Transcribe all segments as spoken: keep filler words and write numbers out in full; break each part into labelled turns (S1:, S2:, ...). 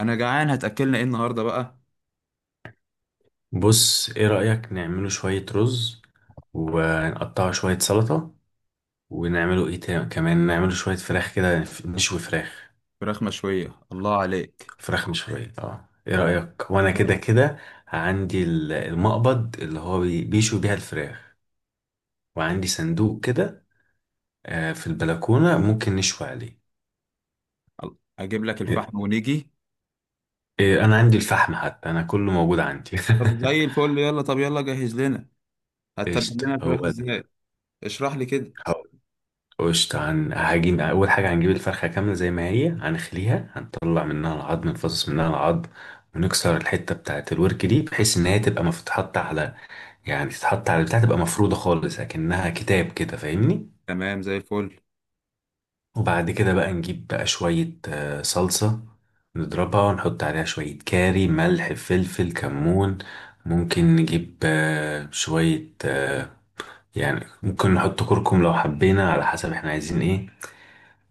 S1: انا جعان هتاكلنا ايه النهارده بقى.
S2: بص ايه رأيك نعمله شوية رز ونقطعه شوية سلطة ونعمله ايه تاني كمان نعمله شوية فراخ كده نشوي فراخ.
S1: فراخ مشويه، الله عليك.
S2: فراخ مشوية اه ايه
S1: الله.
S2: رأيك وانا
S1: الله.
S2: كده كده عندي ال- المقبض اللي هو بي- بيشوي بيها الفراخ
S1: الله,
S2: وعندي صندوق كده. آه، في البلكونة ممكن نشوي عليه.
S1: الله. اجيب لك
S2: إيه،
S1: الفحم ونيجي.
S2: إيه، انا عندي الفحم حتى انا كله موجود عندي
S1: طب زي الفل، يلا طب يلا جهز لنا. هتتبل
S2: قشطة
S1: لنا الفراخ
S2: هو.
S1: ازاي؟ اشرح لي كده.
S2: قشطة هن... هجين. أول حاجة هنجيب الفرخة كاملة زي ما هي هنخليها هنطلع منها العظم نفصص منها العظم ونكسر الحتة بتاعة الورك دي بحيث إن هي تبقى مف- تتحط على، يعني تتحط على بتاع تبقى مفرودة خالص أكنها كتاب كده فاهمني.
S1: تمام زي الفل.
S2: وبعد كده بقى نجيب بقى شوية آه، صلصة نضربها ونحط عليها شوية كاري ملح فلفل كمون. ممكن نجيب آه، شوية آه، يعني ممكن نحط كركم لو حبينا على حسب احنا عايزين ايه.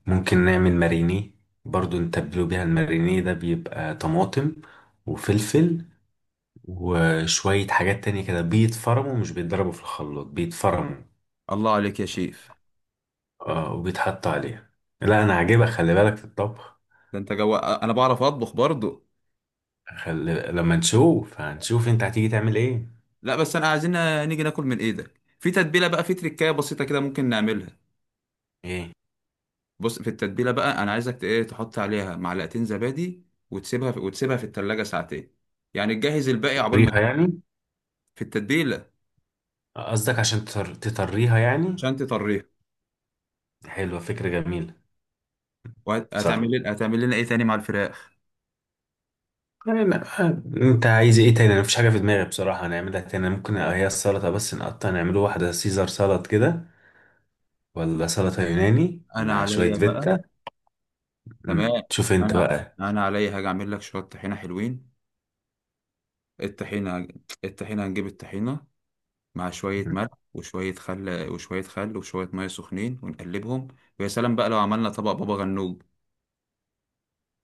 S2: ممكن نعمل ماريني، برضو نتبلو بيها. الماريني ده بيبقى طماطم وفلفل وشوية حاجات تانية كده بيتفرموا مش بيتضربوا في الخلاط بيتفرموا.
S1: الله عليك يا شيف.
S2: اه وبيتحط عليها. لا انا عاجبك خلي بالك في الطبخ.
S1: ده انت جو، انا بعرف اطبخ برضو.
S2: خلي... لما نشوف هنشوف انت هتيجي تعمل ايه.
S1: لا بس انا عايزين نيجي ناكل من ايدك. في تتبيله بقى، في تريكايه بسيطه كده ممكن نعملها.
S2: ايه
S1: بص في التتبيله بقى، انا عايزك ت- ايه، تحط عليها معلقتين زبادي وتسيبها في... وتسيبها في التلاجة ساعتين. يعني تجهز الباقي عقبال ما.
S2: تطريها يعني؟
S1: في التتبيله،
S2: قصدك عشان تطر... تطريها يعني؟
S1: عشان تطريها.
S2: حلوة، فكرة جميلة. صح.
S1: وهتعمل لنا، هتعمل لنا ايه تاني مع الفراخ؟
S2: أنا، انت عايز ايه تاني؟ انا مفيش حاجه في دماغي بصراحه. هنعملها تاني ممكن هي السلطه بس، نقطع نعمله واحده سيزر سلطه كده ولا سلطه يوناني
S1: انا
S2: مع شويه
S1: عليا بقى.
S2: فيتا. مم.
S1: تمام.
S2: شوف انت
S1: انا.
S2: بقى.
S1: انا عليا هاجي اعمل لك شويه طحينه حلوين. الطحينه. الطحينه هنجيب الطحينه مع شويه
S2: مم.
S1: ملح وشويه خل وشويه خل وشويه ميه سخنين ونقلبهم. ويا سلام بقى لو عملنا طبق بابا غنوج.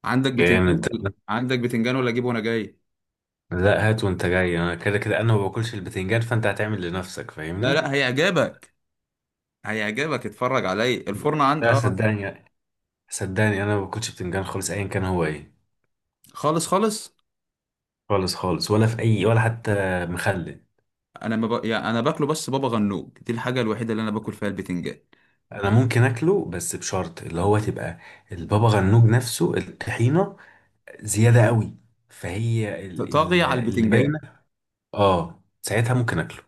S1: عندك بتنجان
S2: جامد
S1: ولا-
S2: ده.
S1: عندك بتنجان، ولا اجيبه وانا جاي؟
S2: لا هات وانت جاي، انا كده كده انا ما باكلش البتنجان فانت هتعمل لنفسك
S1: لا
S2: فاهمني.
S1: لا هيعجبك. هيعجبك، اتفرج عليا الفرن عند
S2: لا
S1: اه.
S2: صدقني، صدقني انا ما باكلش بتنجان خالص ايا كان هو ايه.
S1: خالص خالص.
S2: خالص خالص. ولا في اي ولا حتى مخلل.
S1: انا ما ب... يعني انا باكله، بس بابا غنوج دي الحاجه الوحيده اللي انا باكل فيها البتنجان.
S2: انا ممكن اكله بس بشرط اللي هو تبقى البابا غنوج نفسه الطحينه زياده قوي، فهي
S1: ط-
S2: ال-
S1: طاغيه
S2: ال-
S1: على
S2: اللي
S1: البتنجان.
S2: باينه. اه ساعتها ممكن اكله.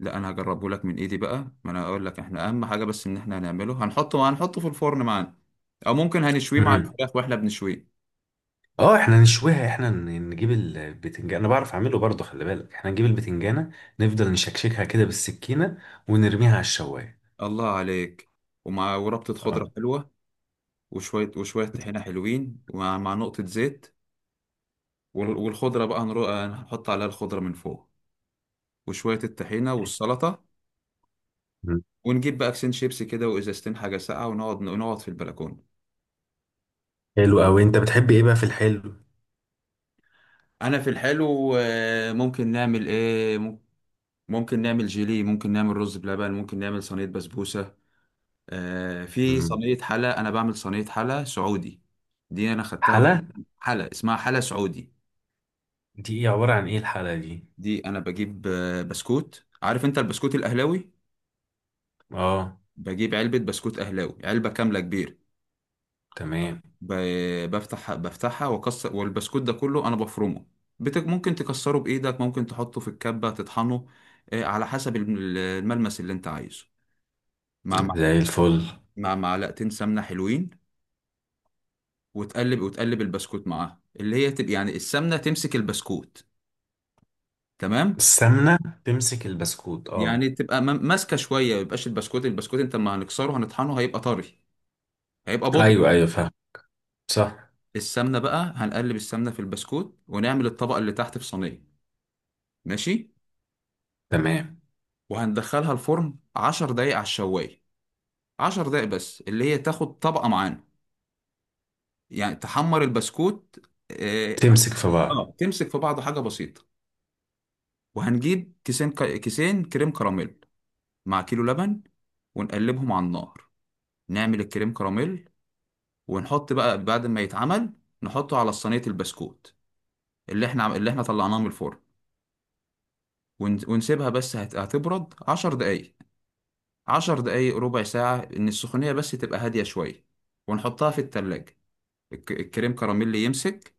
S1: لا انا هجربه لك من ايدي بقى، ما انا اقول لك احنا اهم حاجه بس ان احنا هنعمله هنحطه هنحطه في الفرن معانا. او ممكن هنشويه مع
S2: امم.
S1: الفراخ واحنا بنشويه.
S2: اه احنا نشويها. احنا ن- نجيب البتنجان. انا بعرف اعمله برضه خلي بالك، احنا نجيب البتنجانه نفضل نشكشكها كده بالسكينه ونرميها على الشوايه.
S1: الله عليك. ومع وربطه
S2: اه.
S1: خضره حلوه. وشويه وشويه طحينه حلوين، ومع مع نقطه زيت. وال- والخضره بقى هنرو... هنحط عليها الخضره من فوق. وشويه الطحينه والسلطه.
S2: مم.
S1: ونجيب بقى كيسين شيبسي كده وازازتين حاجه ساقعه، ونقعد نقعد في البلكونه.
S2: حلو قوي. انت بتحب ايه بقى في الحلو؟
S1: انا في الحلو آه، ممكن نعمل ايه؟ مم- ممكن نعمل جيلي، ممكن نعمل رز بلبن، ممكن نعمل صينية بسبوسة. آه، في
S2: مم.
S1: صينية حلا، انا بعمل صينية حلا سعودي. دي انا خدتها.
S2: حلا؟
S1: حلا اسمها حلا سعودي.
S2: دي ايه؟ عباره عن ايه الحلا دي؟
S1: دي انا بجيب آه، بسكوت. عارف انت البسكوت الاهلاوي؟
S2: اه.
S1: بجيب علبة بسكوت اهلاوي، علبة كاملة كبيرة.
S2: تمام
S1: ب- بفتح بفتحها واكسر، والبسكوت ده كله انا بفرمه. بتك ممكن تكسره بايدك، ممكن تحطه في الكبة تطحنه، آه، على حسب الم- الملمس اللي انت عايزه. مع مع
S2: زي الفل.
S1: مع معلقتين سمنة حلوين. وتقلب وتقلب البسكوت معاها، اللي هي تبقى يعني السمنة تمسك البسكوت. تمام.
S2: السمنه تمسك البسكوت اه.
S1: يعني تبقى م- ماسكة شوية. ما يبقاش البسكوت، البسكوت انت ما هنكسره، هنطحنه هيبقى طري، هيبقى بودر.
S2: ايوه ايوه فاهم. صح.
S1: السمنة بقى هنقلب السمنة في البسكوت، ونعمل الطبقة اللي تحت في صينية. ماشي.
S2: تمام.
S1: وهندخلها الفرن 10 دقايق على الشواية. 10 دقايق بس، اللي هي تاخد طبقة معانا. يعني تحمر البسكوت. اه،
S2: تمسك في بعض.
S1: آه، تمسك في بعضه، حاجة بسيطة. وهنجيب كيسين ك- كيسين كريم كراميل مع كيلو لبن، ونقلبهم على النار. نعمل الكريم كراميل، ونحط بقى بعد ما يتعمل، نحطه على صينية البسكوت اللي احنا اللي احنا طلعناه من الفرن. ون- ونسيبها بس هت- هتبرد عشر دقايق. عشر دقايق ربع ساعة، إن السخونية بس تبقى هادية شوية. ونحطها في التلاجة، الك- الكريم كراميل اللي يمسك.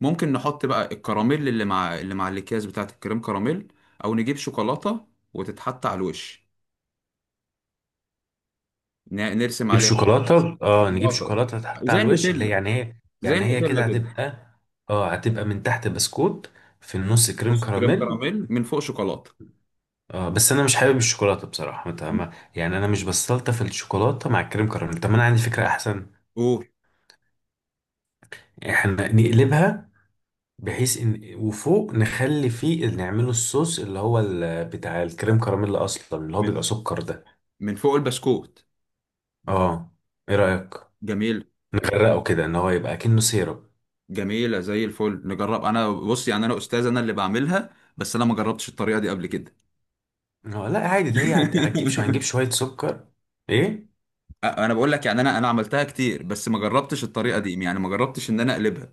S1: ممكن نحط بقى الكراميل اللي مع اللي مع الأكياس بتاعة الكريم كراميل، أو نجيب شوكولاتة وتتحط على الوش. ن- نرسم
S2: نجيب
S1: عليها
S2: شوكولاته اه، نجيب
S1: شوكولاتة،
S2: شوكولاته تحط
S1: زي
S2: على الوش اللي هي
S1: النوتيلا،
S2: يعني هي،
S1: زي
S2: يعني هي
S1: النوتيلا
S2: كده
S1: كده.
S2: هتبقى. اه هتبقى من تحت بسكوت، في النص كريم
S1: نص كريم
S2: كراميل.
S1: كراميل، من فوق شوكولاته.
S2: اه بس انا مش حابب الشوكولاته بصراحه مت- ما- يعني انا مش بستلطف الشوكولاته مع الكريم كراميل. طب ما انا عندي فكره احسن.
S1: اوه.
S2: احنا نقلبها، بحيث ان وفوق نخلي فيه نعمله الصوص اللي هو ال- بتاع الكريم كراميل اصلا اللي هو
S1: م-
S2: بيبقى سكر ده.
S1: من فوق البسكوت.
S2: اه. ايه رايك؟
S1: جميل.
S2: نغرقه كده ان هو يبقى كأنه سيرب.
S1: جميله زي الفل، نجرب. انا بص يعني انا استاذ، انا اللي بعملها، بس انا ما جربتش الطريقه دي قبل كده.
S2: هو لا عادي، ده هي هت- هتجيب شو هنجيب شوية سكر. ايه.
S1: انا بقول لك يعني انا انا عملتها كتير، بس ما جربتش الطريقه دي، يعني ما جربتش ان انا اقلبها.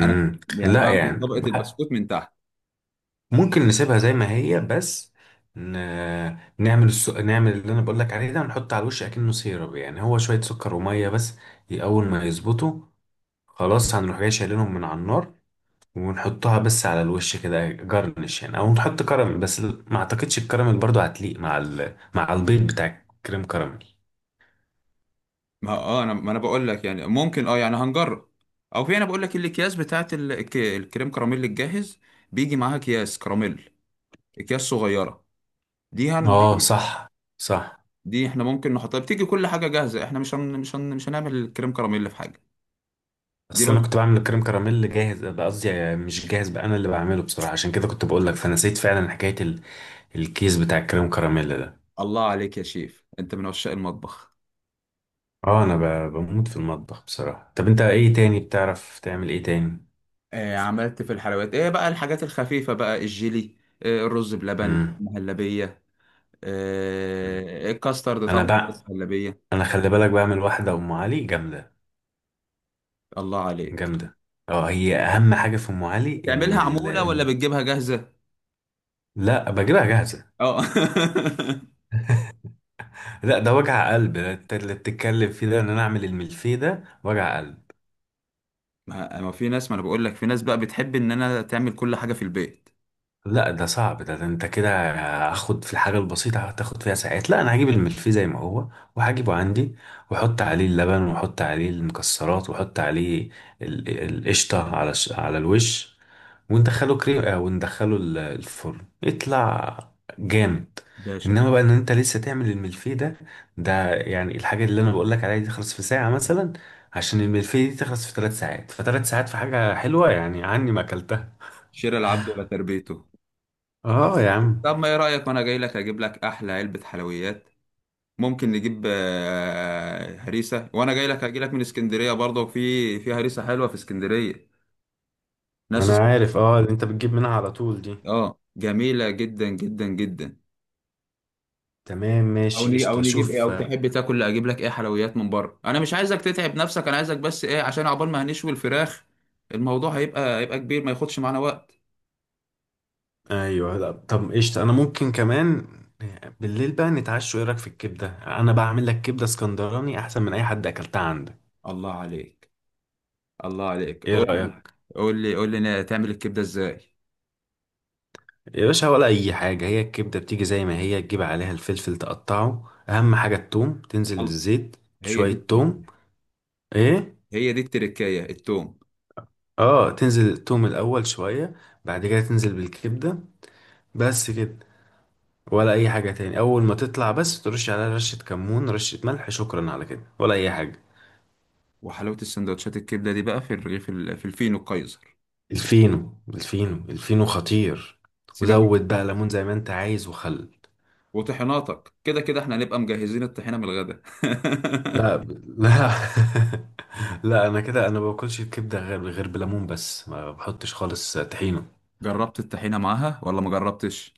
S1: انا يعني
S2: لا
S1: بعمل
S2: يعني
S1: طبقه
S2: بح-
S1: البسكوت من تحت.
S2: ممكن نسيبها زي ما هي بس، ن... نعمل الس... نعمل اللي انا بقول لك عليه ده ونحط على الوش اكنه سيرب، يعني هو شوية سكر ومية بس. ي- اول ما يظبطوا خلاص هنروح جاي شايلينهم من على النار ونحطها بس على الوش كده جرنش، يعني او نحط كراميل بس ال- ما اعتقدش الكراميل برضو هتليق مع ال... مع البيض بتاع الكريم كراميل.
S1: ما اه انا ما انا بقول لك يعني ممكن اه، يعني هنجرب. او في، انا بقول لك الاكياس بتاعت ال- الك- الكريم كراميل الجاهز، بيجي معاها اكياس كراميل، اكياس صغيره. دي هن
S2: اه
S1: دي
S2: صح صح.
S1: دي احنا ممكن نحطها، بتيجي كل حاجه جاهزه، احنا مش هن مش هن مش هنعمل الكريم كراميل في حاجه. دي
S2: اصل انا
S1: برضه.
S2: كنت بعمل الكريم كراميل جاهز بقى، قصدي مش جاهز بقى انا اللي بعمله بصراحه عشان كده كنت بقول لك، فنسيت فعلا حكايه ال... الكيس بتاع الكريم كراميل ده.
S1: الله عليك يا شيف، انت من عشاق المطبخ.
S2: اه انا ب... بموت في المطبخ بصراحه. طب انت ايه تاني بتعرف تعمل ايه تاني؟
S1: آه، عملت في الحلويات، ايه بقى الحاجات الخفيفه؟ بقى الجيلي، آه، الرز بلبن،
S2: امم.
S1: المهلبيه، آه، الكاسترد
S2: انا
S1: طبعا،
S2: بقى،
S1: المهلبيه.
S2: انا خلي بالك بعمل واحده ام علي جامده،
S1: الله عليك.
S2: جامده. اه هي اهم حاجه في ام علي ان
S1: تعملها
S2: ال...
S1: عموله ولا بتجيبها جاهزه؟
S2: لا بجيبها جاهزه.
S1: اه.
S2: لا ده وجع قلب ده اللي بتتكلم فيه ده، ان انا اعمل الملفيه ده وجع قلب.
S1: ما ما في ناس، ما انا بقول لك في ناس بقى بتحب ان انا تعمل كل حاجه في البيت.
S2: لا ده صعب ده, ده انت كده هاخد في الحاجة البسيطة هتاخد فيها ساعات. لا انا هجيب الملفيه زي ما هو وهجيبه عندي واحط عليه اللبن واحط عليه المكسرات واحط عليه ال- القشطة على الش- على الوش وندخله كريم آه، وندخله ال- الفرن يطلع جامد.
S1: باشا،
S2: انما بقى ان انت لسه تعمل الملفيه ده، ده يعني الحاجة اللي انا بقول لك عليها دي تخلص في ساعة مثلا، عشان الملفيه دي تخلص في ثلاث ساعات. فثلاث ساعات في حاجة حلوة يعني عني ما اكلتها.
S1: شراء العبد ولا تربيته.
S2: اه يا عم.
S1: طب ما ايه رأيك وانا جاي لك اجيب لك احلى علبة حلويات. ممكن نجيب آه، هريسة، وانا جاي لك هجي لك من اسكندرية، برضه في في هريسة حلوة في اسكندرية. ناس
S2: انا
S1: اس-
S2: عارف اه اللي انت بتجيب منها على طول دي.
S1: اه جميلة جدا جدا جدا.
S2: تمام
S1: او
S2: ماشي
S1: نجيب او
S2: قشطة
S1: نجيب ايه،
S2: شوف.
S1: او تحب تاكل اجيب لك ايه حلويات من بره؟ انا مش عايزك تتعب نفسك، انا عايزك بس ايه عشان عقبال ما هنشوي الفراخ. الموضوع هيبقى هيبقى كبير، ما ياخدش معانا وقت.
S2: ايوه لا طب قشطة انا ممكن كمان بالليل بقى نتعشوا. ايه رايك في الكبدة؟ انا بعمل لك كبدة اسكندراني احسن من اي حد اكلتها عندك.
S1: الله عليك. الله عليك،
S2: ايه
S1: قول لي.
S2: رايك؟
S1: قول لي قول لي تعمل الكبدة ازاي.
S2: يا باشا ولا اي حاجة، هي الكبدة بتيجي زي ما هي، تجيب عليها الفلفل تقطعه، اهم حاجة التوم، تنزل
S1: الله،
S2: الزيت
S1: هي
S2: شوية
S1: دي.
S2: توم. ايه.
S1: هي دي التركاية، التوم.
S2: اه تنزل التوم الاول شوية، بعد كده تنزل بالكبدة. بس كده ولا اي حاجه تاني. اول ما تطلع بس ترش عليها رشه كمون رشه ملح شكرا على كده ولا اي حاجه.
S1: وحلاوة السندوتشات الكبدة دي بقى في الرغيف، في ال- في الفينو القيصر.
S2: الفينو، الفينو، الفينو خطير.
S1: سيبك من-
S2: وزود بقى ليمون زي ما انت عايز وخل.
S1: وطحيناتك كده كده، احنا هنبقى مجهزين الطحينة من الغدا.
S2: لا ب- لا. لا انا كده انا ما باكلش الكبده غير، غير بليمون بس ما بحطش خالص طحينه.
S1: جربت الطحينة معاها ولا ما جربتش؟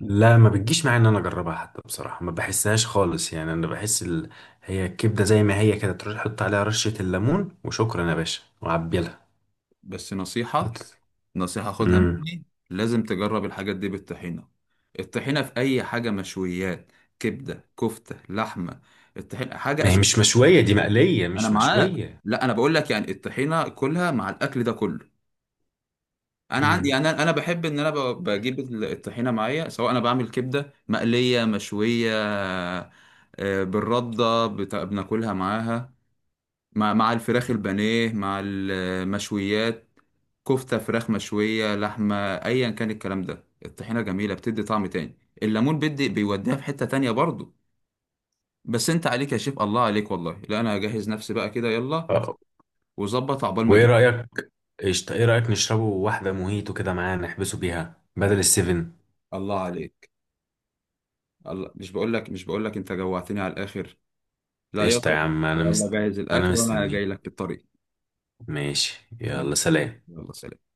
S2: لا ما بتجيش معايا ان انا اجربها حتى بصراحه، ما بحسهاش خالص يعني انا بحس ال... هي الكبده زي ما هي كده تروح تحط عليها رشه الليمون وشكرا يا باشا وعبيلها.
S1: بس نصيحة، نصيحة خدها
S2: امم.
S1: مني: لازم تجرب الحاجات دي بالطحينة. الطحينة في أي حاجة، مشويات، كبدة، كفتة، لحمة، الطحينة حاجة
S2: ما هي مش
S1: أساسية.
S2: مشوية، دي مقلية
S1: أنا
S2: مش
S1: معاك،
S2: مشوية.
S1: لا أنا بقول لك يعني الطحينة كلها مع الأكل ده كله. انا عندي،
S2: امم.
S1: يعني انا انا بحب ان انا ب- بجيب ال- الطحينه معايا، سواء انا بعمل كبده مقليه مشويه، آه، بالرده بت- بناكلها معاها، مع مع الفراخ البانيه، مع المشويات، كفته، فراخ مشويه، لحمه، ايا كان الكلام ده، الطحينه جميله، بتدي طعم تاني. الليمون بيدي بيوديها في حته تانية برضو. بس انت عليك يا شيف، الله عليك والله. لا انا هجهز نفسي بقى كده، يلا.
S2: آه،
S1: وظبط عقبال ما
S2: وايه
S1: اجي.
S2: رأيك؟ قشطة ايه رأيك نشربه واحدة موهيتو كده معاه نحبسه بيها بدل
S1: الله.
S2: السيفن.
S1: الله عليك. الله، مش بقول لك مش بقول لك انت جوعتني على الاخر؟ لا
S2: قشطة يا
S1: يلا.
S2: عم انا
S1: يلا
S2: مست...
S1: جهز
S2: انا
S1: الأكل وأنا جاي
S2: مستنيك.
S1: لك في الطريق.
S2: ماشي يلا
S1: ماشي.
S2: سلام.
S1: يلا سلام.